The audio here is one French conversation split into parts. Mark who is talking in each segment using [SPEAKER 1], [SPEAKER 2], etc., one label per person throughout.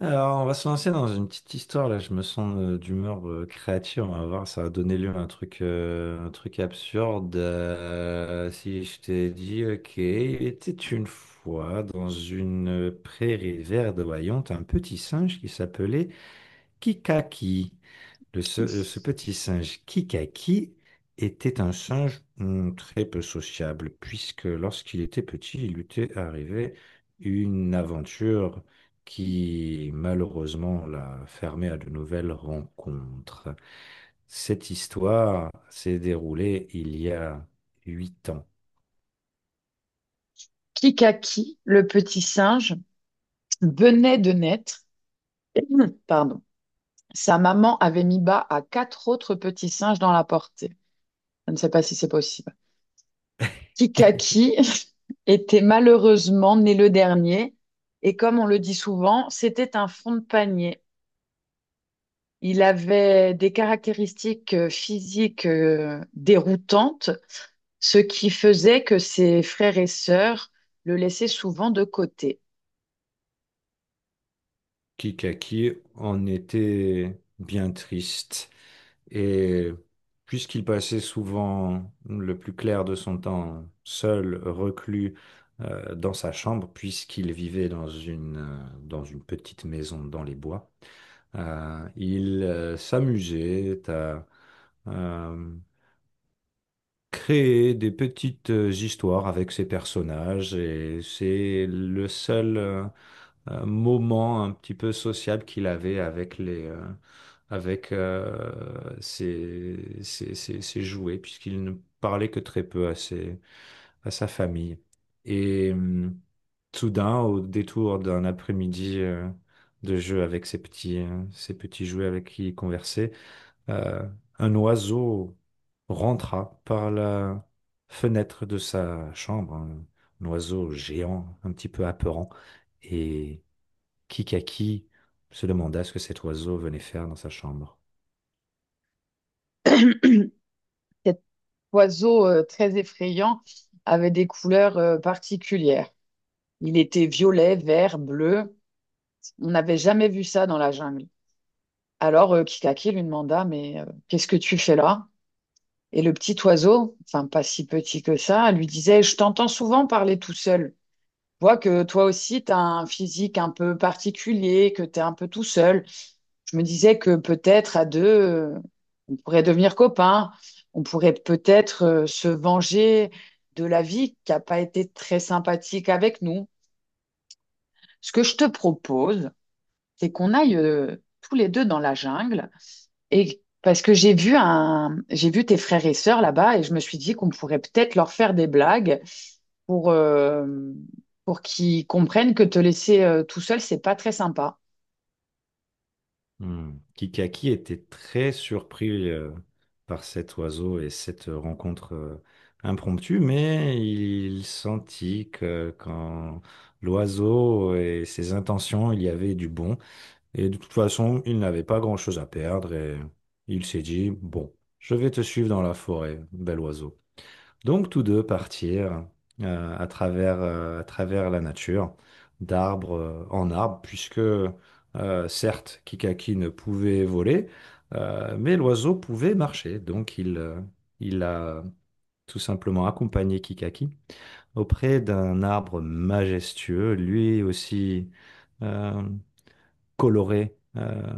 [SPEAKER 1] Alors, on va se lancer dans une petite histoire là. Je me sens d'humeur créative. On va voir, ça va donner lieu à un truc, un truc absurde. Si je t'ai dit, ok, il était une fois dans une prairie verdoyante un petit singe qui s'appelait Kikaki. Ce petit singe Kikaki était un singe très peu sociable, puisque lorsqu'il était petit, il lui était arrivé une aventure qui malheureusement l'a fermé à de nouvelles rencontres. Cette histoire s'est déroulée il y a 8 ans.
[SPEAKER 2] Kikaki, le petit singe, venait de naître. Pardon. Sa maman avait mis bas à quatre autres petits singes dans la portée. Je ne sais pas si c'est possible. Kikaki était malheureusement né le dernier et comme on le dit souvent, c'était un fond de panier. Il avait des caractéristiques physiques déroutantes, ce qui faisait que ses frères et sœurs le laissaient souvent de côté.
[SPEAKER 1] Kikaki en était bien triste. Et puisqu'il passait souvent le plus clair de son temps seul, reclus, dans sa chambre, puisqu'il vivait dans une petite maison dans les bois, il s'amusait à euh, créer des petites histoires avec ses personnages et c'est le seul. Moment un petit peu sociable qu'il avait avec les avec ses jouets puisqu'il ne parlait que très peu à sa famille. Et soudain, au détour d'un après-midi de jeu avec ses petits jouets avec qui il conversait, euh, un oiseau rentra par la fenêtre de sa chambre. Un oiseau géant, un petit peu apeurant, et Kikaki se demanda ce que cet oiseau venait faire dans sa chambre.
[SPEAKER 2] Cette oiseau très effrayant avait des couleurs particulières. Il était violet, vert, bleu. On n'avait jamais vu ça dans la jungle. Alors Kikaki lui demanda, mais qu'est-ce que tu fais là? Et le petit oiseau, enfin pas si petit que ça, lui disait, je t'entends souvent parler tout seul. Je vois que toi aussi, tu as un physique un peu particulier, que tu es un peu tout seul. Je me disais que peut-être à deux, on pourrait devenir copains, on pourrait peut-être se venger de la vie qui n'a pas été très sympathique avec nous. Ce que je te propose, c'est qu'on aille tous les deux dans la jungle et parce que j'ai vu tes frères et sœurs là-bas et je me suis dit qu'on pourrait peut-être leur faire des blagues pour euh, pour qu'ils comprennent que te laisser tout seul, c'est pas très sympa.
[SPEAKER 1] Hmm. Kikaki était très surpris par cet oiseau et cette rencontre impromptue, mais il sentit que quand l'oiseau et ses intentions, il y avait du bon. Et de toute façon, il n'avait pas grand-chose à perdre et il s'est dit, bon, je vais te suivre dans la forêt, bel oiseau. Donc tous deux partirent à travers la nature, d'arbre en arbre, puisque certes Kikaki ne pouvait voler, mais l'oiseau pouvait marcher. Donc il a tout simplement accompagné Kikaki auprès d'un arbre majestueux, lui aussi euh, coloré.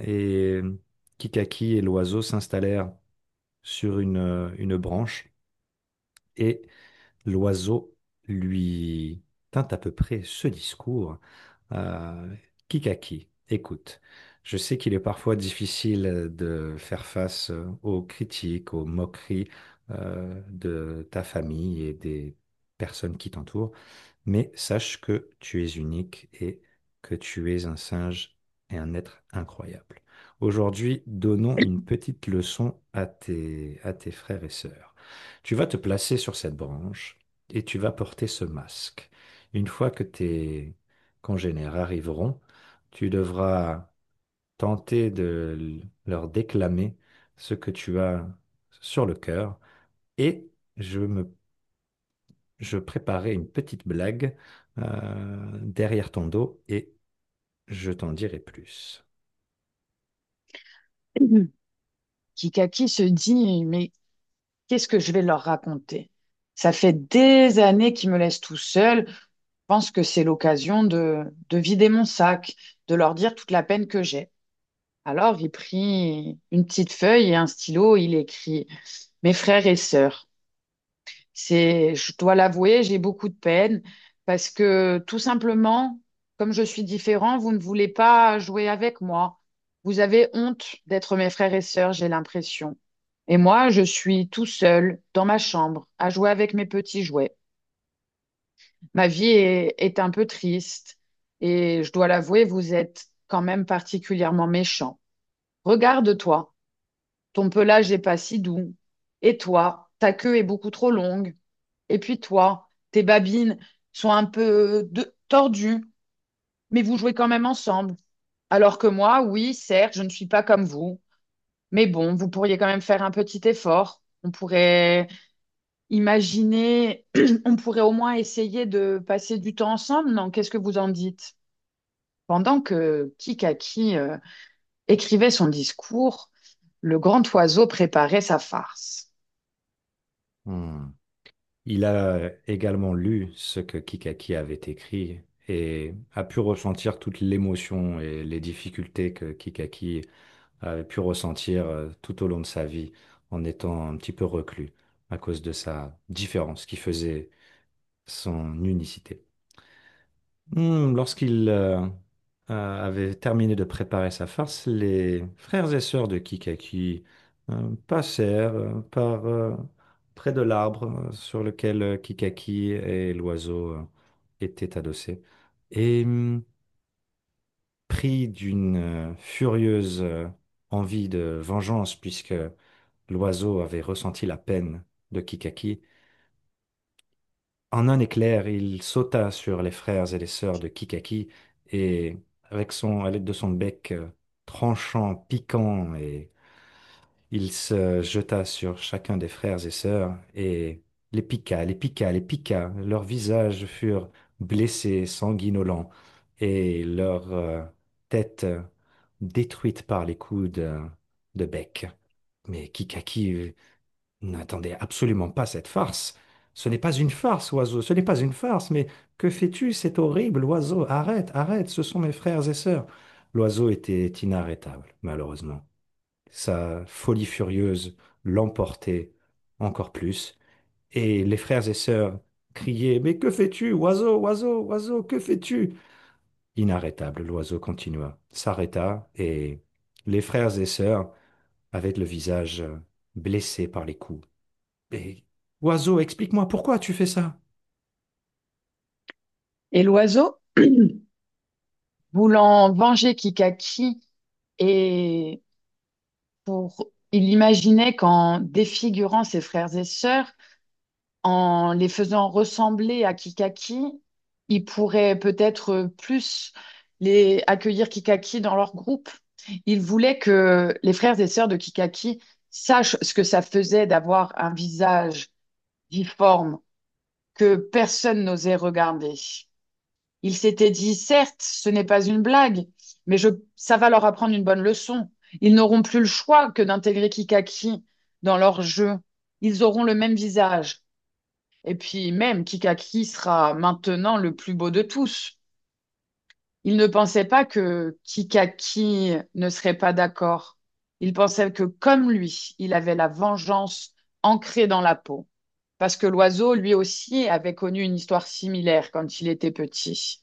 [SPEAKER 1] Et Kikaki et l'oiseau s'installèrent sur une branche et l'oiseau lui tint à peu près ce discours. Euh, Kikaki, écoute, je sais qu'il est parfois difficile de faire face aux critiques, aux moqueries de ta famille et des personnes qui t'entourent mais sache que tu es unique et que tu es un singe et un être incroyable. Aujourd'hui, donnons une petite leçon à tes frères et sœurs. Tu vas te placer sur cette branche et tu vas porter ce masque. Une fois que tes congénères arriveront, tu devras tenter de leur déclamer ce que tu as sur le cœur et je me je préparais une petite blague derrière ton dos et je t'en dirai plus.
[SPEAKER 2] Kikaki se dit, mais qu'est-ce que je vais leur raconter? Ça fait des années qu'ils me laissent tout seul. Je pense que de vider mon sac, de leur dire toute la peine que j'ai. Alors, il prit une petite feuille et un stylo. Il écrit, mes frères et sœurs, je dois l'avouer, j'ai beaucoup de peine parce que tout simplement, comme je suis différent, vous ne voulez pas jouer avec moi. Vous avez honte d'être mes frères et sœurs, j'ai l'impression. Et moi, je suis tout seul dans ma chambre à jouer avec mes petits jouets. Est un peu triste et je dois l'avouer, vous êtes quand même particulièrement méchant. Regarde-toi. Ton pelage n'est pas si doux. Et toi, ta queue est beaucoup trop longue. Et puis toi, tes babines sont un peu tordues, mais vous jouez quand même ensemble. Alors que moi, oui, certes, je ne suis pas comme vous, mais bon, vous pourriez quand même faire un petit effort. On pourrait imaginer, on pourrait au moins essayer de passer du temps ensemble, non? Qu'est-ce que vous en dites? Pendant que Kikaki écrivait son discours, le grand oiseau préparait sa farce.
[SPEAKER 1] Hmm. Il a également lu ce que Kikaki avait écrit et a pu ressentir toute l'émotion et les difficultés que Kikaki avait pu ressentir tout au long de sa vie en étant un petit peu reclus à cause de sa différence qui faisait son unicité. Lorsqu'il avait terminé de préparer sa farce, les frères et sœurs de Kikaki passèrent par près de l'arbre sur lequel Kikaki et l'oiseau étaient adossés. Et pris d'une furieuse envie de vengeance, puisque l'oiseau avait ressenti la peine de Kikaki, en un éclair, il sauta sur les frères et les sœurs de Kikaki et, avec son, à l'aide de son bec tranchant, piquant, et il se jeta sur chacun des frères et sœurs et les piqua, les piqua, les piqua. Leurs visages furent blessés, sanguinolents, et leurs têtes détruites par les coups de bec. Mais Kikaki, n'attendez absolument pas cette farce. Ce n'est pas une farce, oiseau, ce n'est pas une farce, mais que fais-tu? C'est horrible, oiseau. Arrête, arrête, ce sont mes frères et sœurs. L'oiseau était inarrêtable, malheureusement. Sa folie furieuse l'emportait encore plus, et les frères et sœurs criaient, mais que fais-tu, oiseau, oiseau, oiseau, que fais-tu? Inarrêtable, l'oiseau continua, s'arrêta, et les frères et sœurs, avec le visage blessé par les coups, mais oiseau, explique-moi pourquoi tu fais ça.
[SPEAKER 2] Et l'oiseau voulant venger Kikaki et pour il imaginait qu'en défigurant ses frères et sœurs, en les faisant ressembler à Kikaki, il pourrait peut-être plus les accueillir Kikaki dans leur groupe. Il voulait que les frères et sœurs de Kikaki sachent ce que ça faisait d'avoir un visage difforme que personne n'osait regarder. Ils s'étaient dit, certes, ce n'est pas une blague, mais je, ça va leur apprendre une bonne leçon. Ils n'auront plus le choix que d'intégrer Kikaki dans leur jeu. Ils auront le même visage. Et puis même, Kikaki sera maintenant le plus beau de tous. Ils ne pensaient pas que Kikaki ne serait pas d'accord. Ils pensaient que comme lui, il avait la vengeance ancrée dans la peau. Parce que l'oiseau, lui aussi, avait connu une histoire similaire quand il était petit.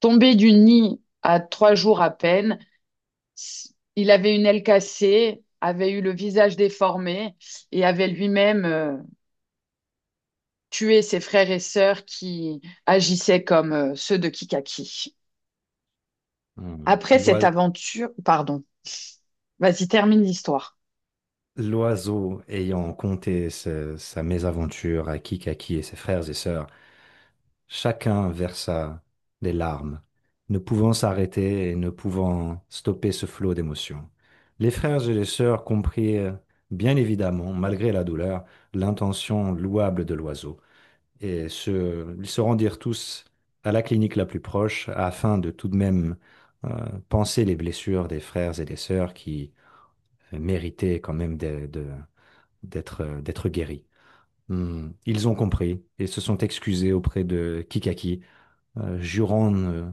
[SPEAKER 2] Tombé du nid à trois jours à peine, il avait une aile cassée, avait eu le visage déformé et avait lui-même tué ses frères et sœurs qui agissaient comme ceux de Kikaki.
[SPEAKER 1] Hmm.
[SPEAKER 2] Après cette aventure, pardon, vas-y, termine l'histoire.
[SPEAKER 1] L'oiseau, ayant conté sa mésaventure à Kikaki et ses frères et sœurs, chacun versa des larmes, ne pouvant s'arrêter et ne pouvant stopper ce flot d'émotions. Les frères et les sœurs comprirent, bien évidemment, malgré la douleur, l'intention louable de l'oiseau. Ils se rendirent tous à la clinique la plus proche afin de tout de même panser les blessures des frères et des sœurs qui méritaient quand même d'être d'être guéris. Hmm. Ils ont compris et se sont excusés auprès de Kikaki, jurant ne,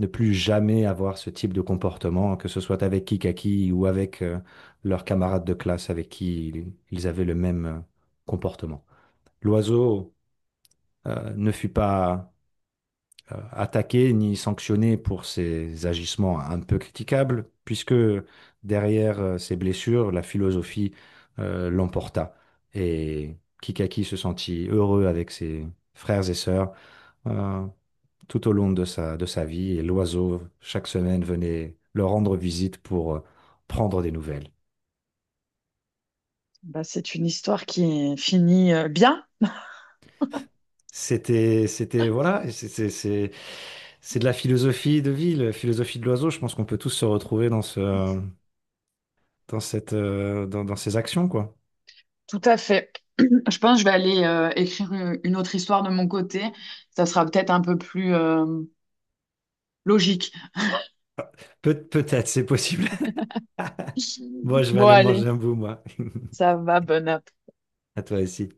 [SPEAKER 1] ne plus jamais avoir ce type de comportement, que ce soit avec Kikaki ou avec leurs camarades de classe avec qui ils avaient le même comportement. L'oiseau ne fut pas attaquer ni sanctionner pour ses agissements un peu critiquables, puisque derrière ces blessures, la philosophie l'emporta. Et Kikaki se sentit heureux avec ses frères et sœurs euh, tout au long de sa vie, et l'oiseau, chaque semaine, venait leur rendre visite pour prendre des nouvelles.
[SPEAKER 2] Bah, c'est une histoire qui finit bien,
[SPEAKER 1] Voilà, c'est de la philosophie de vie, la philosophie de l'oiseau. Je pense qu'on peut tous se retrouver dans ce, dans cette, dans, dans ces actions, quoi.
[SPEAKER 2] tout à fait. Je pense que je vais aller écrire une autre histoire de mon côté. Ça sera peut-être un peu plus logique.
[SPEAKER 1] Ah, peut-être, c'est possible. Bon, je vais
[SPEAKER 2] Bon,
[SPEAKER 1] aller
[SPEAKER 2] allez,
[SPEAKER 1] manger un bout, moi.
[SPEAKER 2] ça va, bonne app.
[SPEAKER 1] À toi aussi.